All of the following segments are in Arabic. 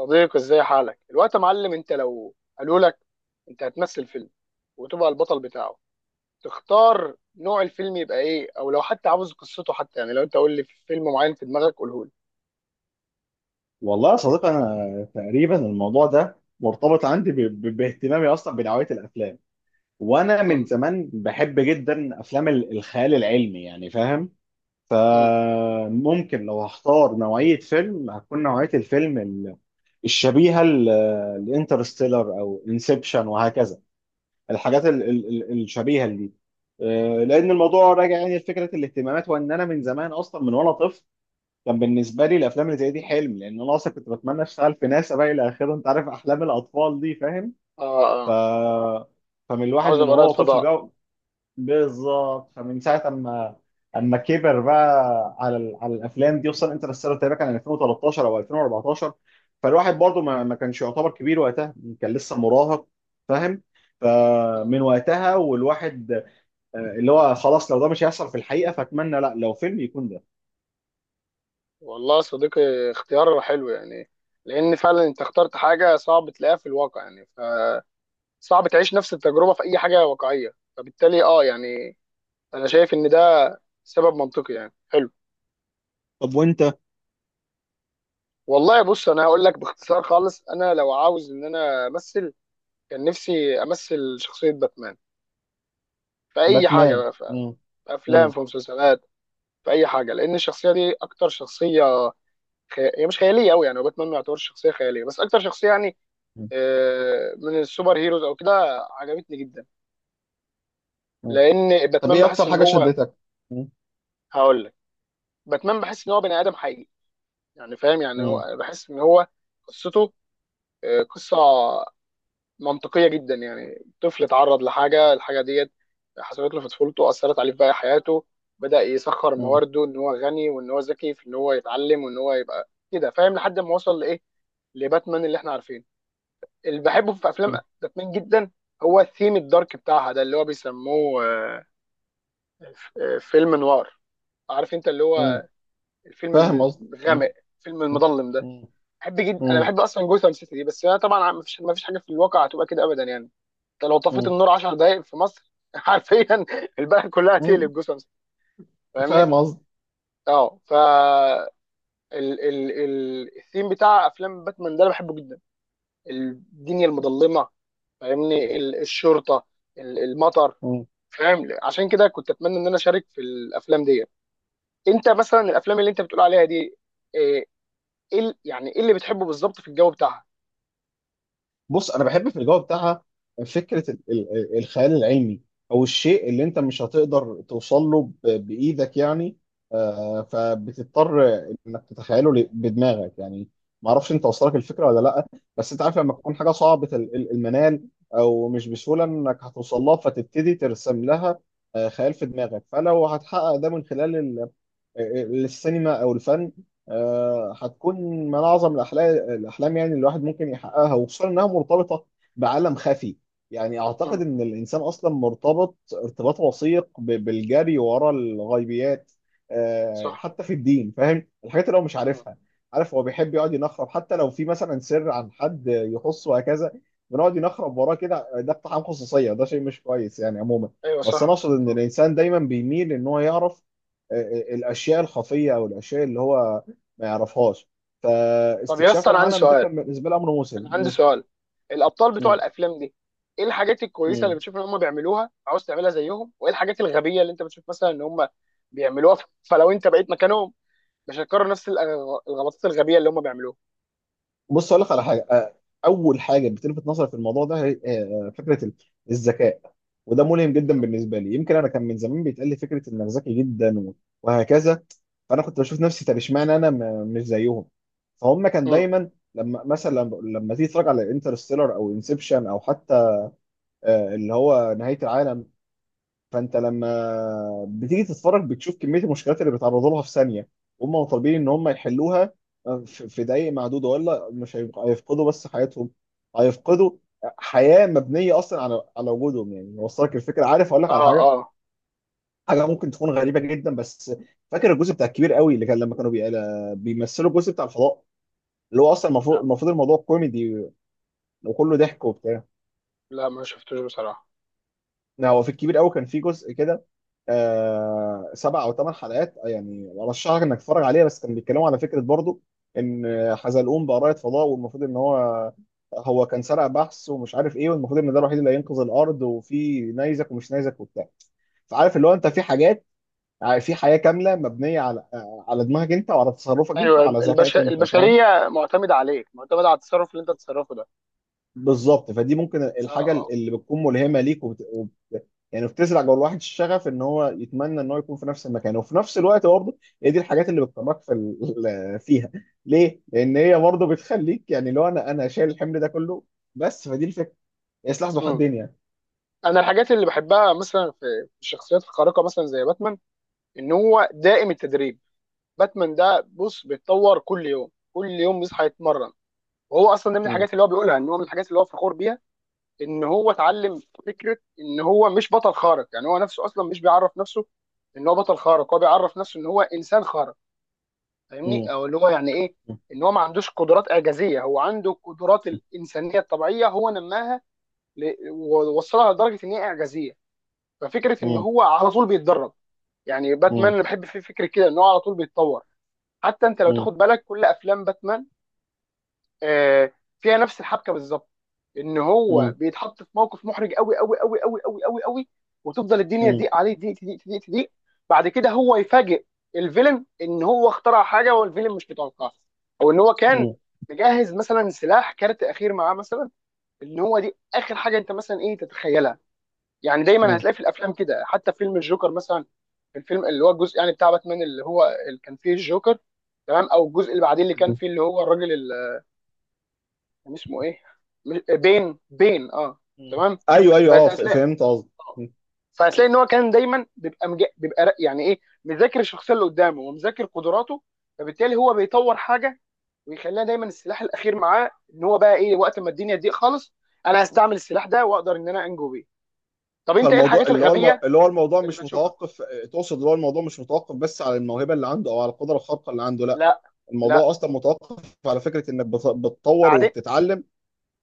صديقي، ازاي حالك الوقت يا معلم؟ انت لو قالوا لك انت هتمثل فيلم وتبقى البطل بتاعه، تختار نوع الفيلم يبقى ايه؟ او لو حتى عاوز قصته، حتى يعني، لو انت قول لي فيلم معين في دماغك قوله لي. والله يا صديقي، انا تقريبا الموضوع ده مرتبط عندي باهتمامي اصلا بنوعيه الافلام. وانا من مم. زمان بحب جدا افلام الخيال العلمي، يعني فاهم. مم. فممكن لو هختار نوعيه فيلم، هتكون نوعيه الفيلم الشبيهه لانترستيلر او انسبشن وهكذا، الحاجات الشبيهه دي. لان الموضوع راجع يعني لفكره الاهتمامات، وان انا من زمان اصلا من وانا طفل كان بالنسبه لي الافلام اللي زي دي حلم، لان انا اصلا كنت بتمنى اشتغل في ناسا بقى الى اخره. انت عارف احلام الاطفال دي، فاهم. اه ف اه. فمن الواحد عاوز من ابقى رائد وهو طفل فضاء. بقى، بالظبط. فمن ساعه اما كبر بقى على على الافلام دي، وصل انترستيلر تقريبا كان 2013 او 2014. فالواحد برضه ما كانش يعتبر كبير وقتها، كان لسه مراهق، فاهم. مم. فمن وقتها والواحد اللي هو خلاص، لو ده مش هيحصل في الحقيقه فاتمنى، لا لو فيلم، يكون ده. والله يا صديقي، اختيار حلو يعني، لان فعلا انت اخترت حاجه صعب تلاقيها في الواقع يعني. فصعب تعيش نفس التجربه في اي حاجه واقعيه. فبالتالي اه يعني، انا شايف ان ده سبب منطقي يعني حلو. طب وانت؟ والله بص، انا هقول لك باختصار خالص، انا لو عاوز ان انا امثل، كان نفسي امثل شخصيه باتمان في اي حاجه باتمان. بقى، في مم. في افلام، مم. في مسلسلات، في اي حاجه، لان الشخصيه دي اكتر شخصيه، هي مش خياليه قوي يعني. وباتمان ما يعتبرش شخصيه خياليه، بس اكتر شخصيه يعني مم. من السوبر هيروز او كده، عجبتني جدا. مم. لان طب باتمان ايه بحس اكتر ان حاجه هو، شدتك؟ مم. هقول لك، باتمان بحس ان هو بني ادم حقيقي، يعني فاهم، يعني مم. هو بحس ان هو قصته، قصه منطقيه جدا. يعني طفل اتعرض لحاجه، الحاجه ديت حصلت له في طفولته، اثرت عليه في باقي حياته. بدا يسخر مم. موارده، ان هو غني وان هو ذكي، في ان هو يتعلم وان هو يبقى كده فاهم، لحد ما وصل لايه، لباتمان اللي احنا عارفينه، اللي بحبه في مم. افلام باتمان جدا، هو الثيم الدارك بتاعها ده، اللي هو بيسموه فيلم نوار، عارف انت، اللي مم. هو الفيلم فاهم قصدي. مم. الغامق، الفيلم مم. المظلم ده. مم. بحب جدا، انا بحب اصلا جوثام سيتي دي. بس انا طبعا ما فيش حاجه في الواقع هتبقى كده ابدا يعني. انت لو طفيت مم. النور 10 دقائق في مصر حرفيا البلد كلها مم. تقلب جثث، فاهمني؟ فاهم قصدي. اه، ف ال الثيم بتاع افلام باتمان ده انا بحبه جدا، الدنيا المظلمه، فاهمني، الشرطه، المطر، فاهم. عشان كده كنت اتمنى ان انا اشارك في الافلام دي. انت مثلا الافلام اللي انت بتقول عليها دي ايه؟ إيه يعني ايه اللي بتحبه بالظبط في الجو بتاعها؟ بص، انا بحب في الجو بتاعها فكره الخيال العلمي، او الشيء اللي انت مش هتقدر توصل له بايدك يعني. فبتضطر انك تتخيله بدماغك يعني. ما اعرفش انت وصلك الفكره ولا لا، بس انت عارف لما تكون حاجه صعبه المنال، او مش بسهوله انك هتوصل لها، فتبتدي ترسم لها خيال في دماغك. فلو هتحقق ده من خلال السينما او الفن، هتكون من اعظم الاحلام. الاحلام يعني الواحد ممكن يحققها، وخصوصا انها مرتبطه بعالم خفي. يعني اعتقد امم. ان الانسان اصلا مرتبط ارتباط وثيق بالجري ورا الغيبيات، صح. حتى في الدين، فاهم، الحاجات اللي هو مش امم. عارفها. عارف، هو بيحب يقعد ينخرب حتى لو في مثلا سر عن حد يخصه وهكذا. بنقعد ينخرب وراه كده، ده اقتحام خصوصيه، ده شيء مش كويس يعني عموما. ايوه، بس انا صح. اقصد ان مم. الانسان دايما بيميل ان هو يعرف الاشياء الخفيه، او الاشياء اللي هو ما يعرفهاش. طب يا اسطى، فاستكشاف انا عندي العالم ده سؤال، كان بالنسبه لي امر مسلم. انا عندي مم. سؤال، الابطال بتوع مم. الافلام دي، ايه الحاجات الكويسه اللي مم. بتشوف ان هم بيعملوها عاوز تعملها زيهم؟ وايه الحاجات الغبيه اللي انت بتشوف مثلا ان هم بيعملوها، فلو انت بقيت مكانهم مش هتكرر نفس الغلطات الغبيه اللي هم بيعملوها؟ بص، اقول لك على حاجه. اول حاجه بتلفت نظري في الموضوع ده هي فكره الذكاء. وده ملهم جدا مم. بالنسبه لي، يمكن انا كان من زمان بيتقال لي فكره انك ذكي جدا وهكذا. فانا كنت بشوف نفسي طب اشمعنى انا مش زيهم؟ فهم كان مم. دايما لما مثلا لما تيجي تتفرج على انترستيلر او انسبشن، او حتى اللي هو نهايه العالم. فانت لما بتيجي تتفرج بتشوف كميه المشكلات اللي بيتعرضوا لها في ثانيه، هم طالبين ان هم يحلوها في دقائق معدوده، ولا مش هيفقدوا بس حياتهم، هيفقدوا حياه مبنيه اصلا على وجودهم. يعني وصلك الفكره. عارف اقول لك على اه حاجه، اه. حاجه ممكن تكون غريبه جدا بس. فاكر الجزء بتاع الكبير قوي اللي كان لما كانوا بيمثلوا الجزء بتاع الفضاء، اللي هو اصلا لا المفروض الموضوع كوميدي وكله ضحك وبتاع. لا، ما شفتوش بصراحه. هو في الكبير قوي كان في جزء كده، آه، سبع او ثمان حلقات، يعني ارشحك انك تتفرج عليه. بس كان بيتكلموا على فكره برضو ان حزلقوم بقى رائد فضاء، والمفروض ان هو كان سرق بحث ومش عارف ايه، والمفروض ان ده الوحيد اللي هينقذ الارض، وفي نيزك ومش نيزك وبتاع. فعارف اللي هو انت في حاجات، في حياه كامله مبنيه على على دماغك انت، وعلى تصرفك انت، ايوه، وعلى ذكائك انت، فاهم. البشريه معتمده عليك، معتمده على التصرف اللي انت بتتصرفه ده. بالظبط. فدي ممكن اه الحاجه اه. اللي بتكون ملهمه ليك، يعني بتزرع جوه الواحد الشغف ان هو يتمنى ان هو يكون في نفس المكان وفي نفس الوقت برضه. هي دي الحاجات اللي بتطمك في فيها. ليه؟ لان هي برضه بتخليك، يعني لو انا شايل الحمل ده كله بس. فدي الفكره، هي سلاح ذو مم. حدين يعني. انا الحاجات اللي بحبها مثلا، في في الشخصيات الخارقه مثلا زي باتمان، ان هو دائم التدريب. باتمان ده بص بيتطور كل يوم، كل يوم بيصحى يتمرن، وهو اصلا ده من مم. الحاجات اللي هو بيقولها، ان هو من الحاجات اللي هو فخور بيها، ان هو اتعلم. فكره ان هو مش بطل خارق يعني، هو نفسه اصلا مش بيعرف نفسه ان هو بطل خارق، هو بيعرف نفسه ان هو انسان خارق، فاهمني، مم. او اللي هو يعني ايه، مم. ان هو ما عندوش قدرات اعجازيه، هو عنده القدرات الانسانيه الطبيعيه هو نماها ووصلها لدرجه ان هي اعجازيه. ففكره ان مم. هو على طول بيتدرب، يعني باتمان، مم. انا بحب فيه فكره كده، ان هو على طول بيتطور. حتى انت لو مم. تاخد بالك كل افلام باتمان، آه، فيها نفس الحبكه بالظبط، ان هو بيتحط في موقف محرج قوي قوي قوي قوي قوي قوي قوي، وتفضل الدنيا مم. تضيق عليه، تضيق تضيق تضيق تضيق. بعد كده هو يفاجئ الفيلن ان هو اخترع حاجه والفيلن مش متوقعها، او ان هو كان مم. مجهز مثلا سلاح، كارت اخير معاه مثلا، ان هو دي اخر حاجه انت مثلا ايه تتخيلها. يعني دايما هتلاقي في الافلام كده. حتى في فيلم الجوكر مثلا، الفيلم اللي هو الجزء يعني بتاع باتمان، اللي هو اللي كان فيه الجوكر، تمام؟ او الجزء اللي بعدين، اللي كان مم. فيه اللي هو الراجل، كان اسمه ايه؟ بين، بين، اه، مم. تمام. ايوه ايوه فانت اه، هتلاقي، فهمت قصدي. آه، فهتلاقي ان هو كان دايما بيبقى، يعني ايه، مذاكر الشخصيه اللي قدامه ومذاكر قدراته. فبالتالي هو بيطور حاجه ويخليها دايما السلاح الاخير معاه، ان هو بقى ايه، وقت ما الدنيا تضيق خالص انا هستعمل السلاح ده واقدر ان انا انجو بيه. طب انت ايه فالموضوع الحاجات اللي هو الغبيه اللي هو الموضوع اللي مش بتشوفها؟ متوقف. تقصد اللي هو الموضوع مش متوقف بس على الموهبه اللي عنده، او على القدره الخارقه اللي عنده، لا. لا لا. الموضوع اصلا متوقف على فكره انك بتطور بعدين وبتتعلم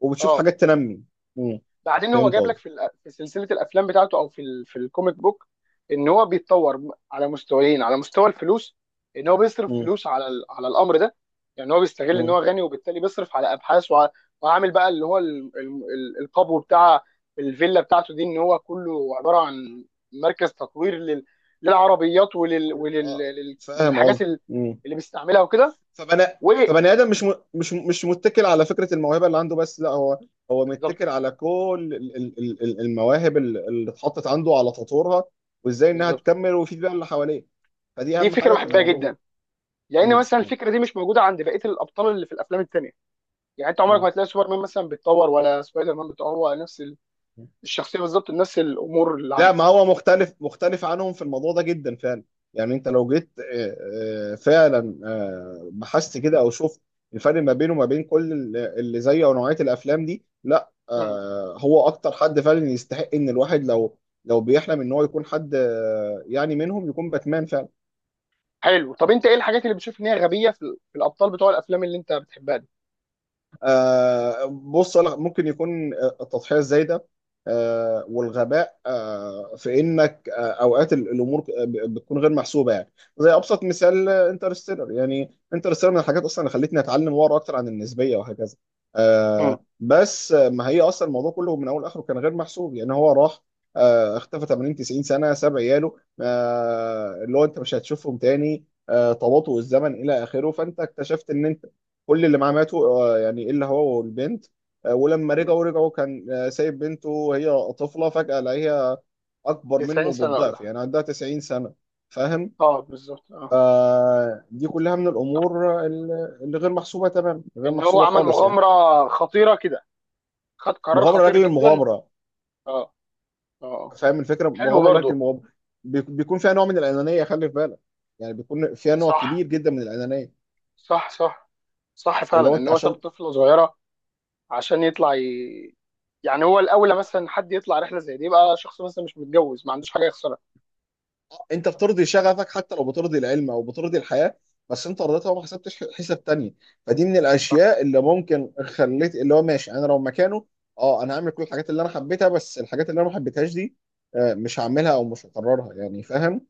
وبتشوف اه حاجات تنمي. امم. بعدين هو فهمت جايب لك قصدي. في في سلسله الافلام بتاعته، او في في الكوميك بوك، ان هو بيتطور على مستويين، على مستوى الفلوس، ان هو بيصرف امم. فلوس على على الامر ده. يعني هو بيستغل ان امم. هو غني وبالتالي بيصرف على ابحاث، وعامل بقى اللي هو القبو بتاع الفيلا بتاعته دي، ان هو كله عباره عن مركز تطوير للعربيات وللحاجات اه فاهم للحاجات قصدي. امم. اللي بيستعملها وكده. فبني. و فبني ادم مش مش متكل على فكره الموهبه اللي عنده بس، لا، هو متكل بالظبط. على كل المواهب اللي اتحطت عنده، على تطورها، وازاي انها بالظبط، تكمل ويفيد بيها اللي حواليه. فدي دي اهم فكره حاجه في بحبها الموضوع. جدا، لان مم. مثلا مم. الفكره دي مش موجوده عند بقيه الابطال اللي في الافلام التانيه. يعني انت عمرك ما مم. هتلاقي سوبرمان مثلا بيتطور، ولا سبايدر مان بيتطور، نفس مم. الشخصيه بالظبط، نفس الامور اللي لا، عنده. ما هو مختلف عنهم في الموضوع ده جدا فعلا. يعني انت لو جيت فعلا بحثت كده، او شفت الفرق ما بينه وما بين كل اللي زيه، او نوعية الافلام دي، لا مم. هو اكتر حد فعلا يستحق ان الواحد لو بيحلم ان هو يكون حد يعني منهم، يكون باتمان فعلا. حلو. طب انت ايه الحاجات اللي بتشوف ان هي غبيه في في الابطال بتوع الافلام اللي انت بتحبها دي؟ بص، أنا ممكن يكون التضحية الزايدة والغباء، في انك اوقات الامور بتكون غير محسوبه يعني. زي ابسط مثال انترستيلر. يعني انترستيلر من الحاجات اصلا اللي خلتني اتعلم واقرا اكتر عن النسبيه وهكذا. مم. بس ما هي اصلا الموضوع كله من اول لاخره كان غير محسوب. يعني هو راح اختفى 80 90 سنه، ساب عياله اللي هو انت مش هتشوفهم تاني، تباطؤ الزمن الى اخره. فانت اكتشفت ان انت كل اللي معاه ماتوا، يعني الا هو والبنت. ولما مم. رجعوا، رجعوا كان سايب بنته وهي طفله، فجاه لقيها اكبر منه 90 سنه ولا بالضعف، حاجه. يعني عندها 90 سنه، فاهم. اه بالظبط اه. فدي كلها من الامور اللي غير محسوبه تمام، غير ان هو محسوبه عمل خالص يعني. مغامره خطيره كده، خد قرار مغامره خطير لاجل جدا. المغامره. اه. اه اه. فاهم الفكره، حلو مغامره لاجل برضو. المغامره. بيكون فيها نوع من الانانيه، خلي في بالك. يعني بيكون فيها نوع صح. كبير جدا من الانانيه. صح صح. صح اللي هو فعلا، ان انت هو ساب عشان طفله صغيره عشان يطلع يعني هو الاولى مثلا، حد يطلع رحله زي دي يبقى شخص مثلا مش متجوز ما عندوش حاجه يخسرها. انت بترضي شغفك، حتى لو بترضي العلم او بترضي الحياه، بس انت رضيتها وما حسبتش حساب تاني. فدي من صح. الاشياء اللي ممكن خليت اللي هو ماشي انا لو مكانه، اه، انا هعمل كل الحاجات اللي انا حبيتها، بس الحاجات اللي انا ما حبيتهاش دي مش هعملها او مش هقررها يعني، فاهم.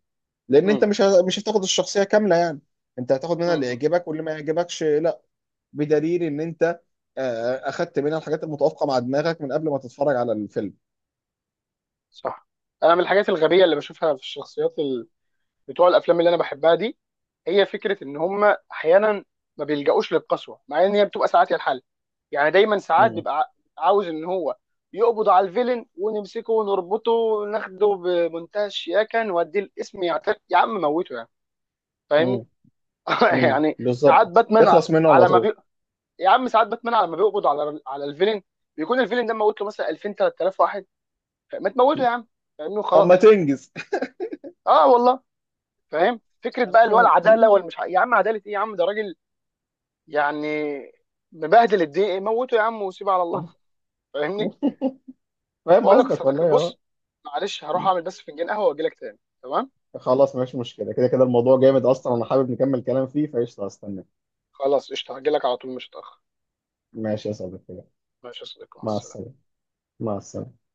لان انت امم. مش هتاخد الشخصيه كامله يعني، انت هتاخد منها اللي امم. يعجبك، واللي ما يعجبكش لا. بدليل ان انت آه، اخدت منها الحاجات المتوافقه مع دماغك من قبل ما تتفرج على الفيلم. صح. انا من الحاجات الغبيه اللي بشوفها في الشخصيات بتوع الافلام اللي انا بحبها دي، هي فكره ان هم احيانا ما بيلجأوش للقسوه مع ان هي بتبقى ساعات هي الحل. يعني دايما ساعات امم. بيبقى عاوز ان هو يقبض على الفيلن ونمسكه ونربطه وناخده بمنتهى الشياكه نوديه القسم يعترف، يا عم موته يعني. فاهمني. امم. يعني بالظبط، ساعات باتمان، اخلص منه على على ما طول. بي... يا عم ساعات باتمان لما بيقبض على الفيلن، بيكون الفيلن ده موت له مثلا 2000 3000 واحد، ما تموته يا عم؟ فاهمني. اما خلاص. تنجز. اه والله. فاهم فكره انا بقى، اللي هو العداله فاهم. والمش يا عم، عداله ايه يا عم، ده راجل يعني مبهدل الدنيا، موته يا عم وسيبه على الله. فاهمني. فاهم بقول لك يا قصدك صديقي والله، اه. بص، معلش هروح اعمل بس فنجان قهوه واجي لك تاني، تمام؟ خلاص، مفيش مشكله، كده كده الموضوع جامد اصلا، خلاص. وانا حابب نكمل كلام فيه، فقشطه هستنى. خلاص قشطه، هجي لك على طول مش هتاخر. ماشي يا صديقي، ماشي يا صديقي، مع مع السلامه. السلامه. مع السلامه.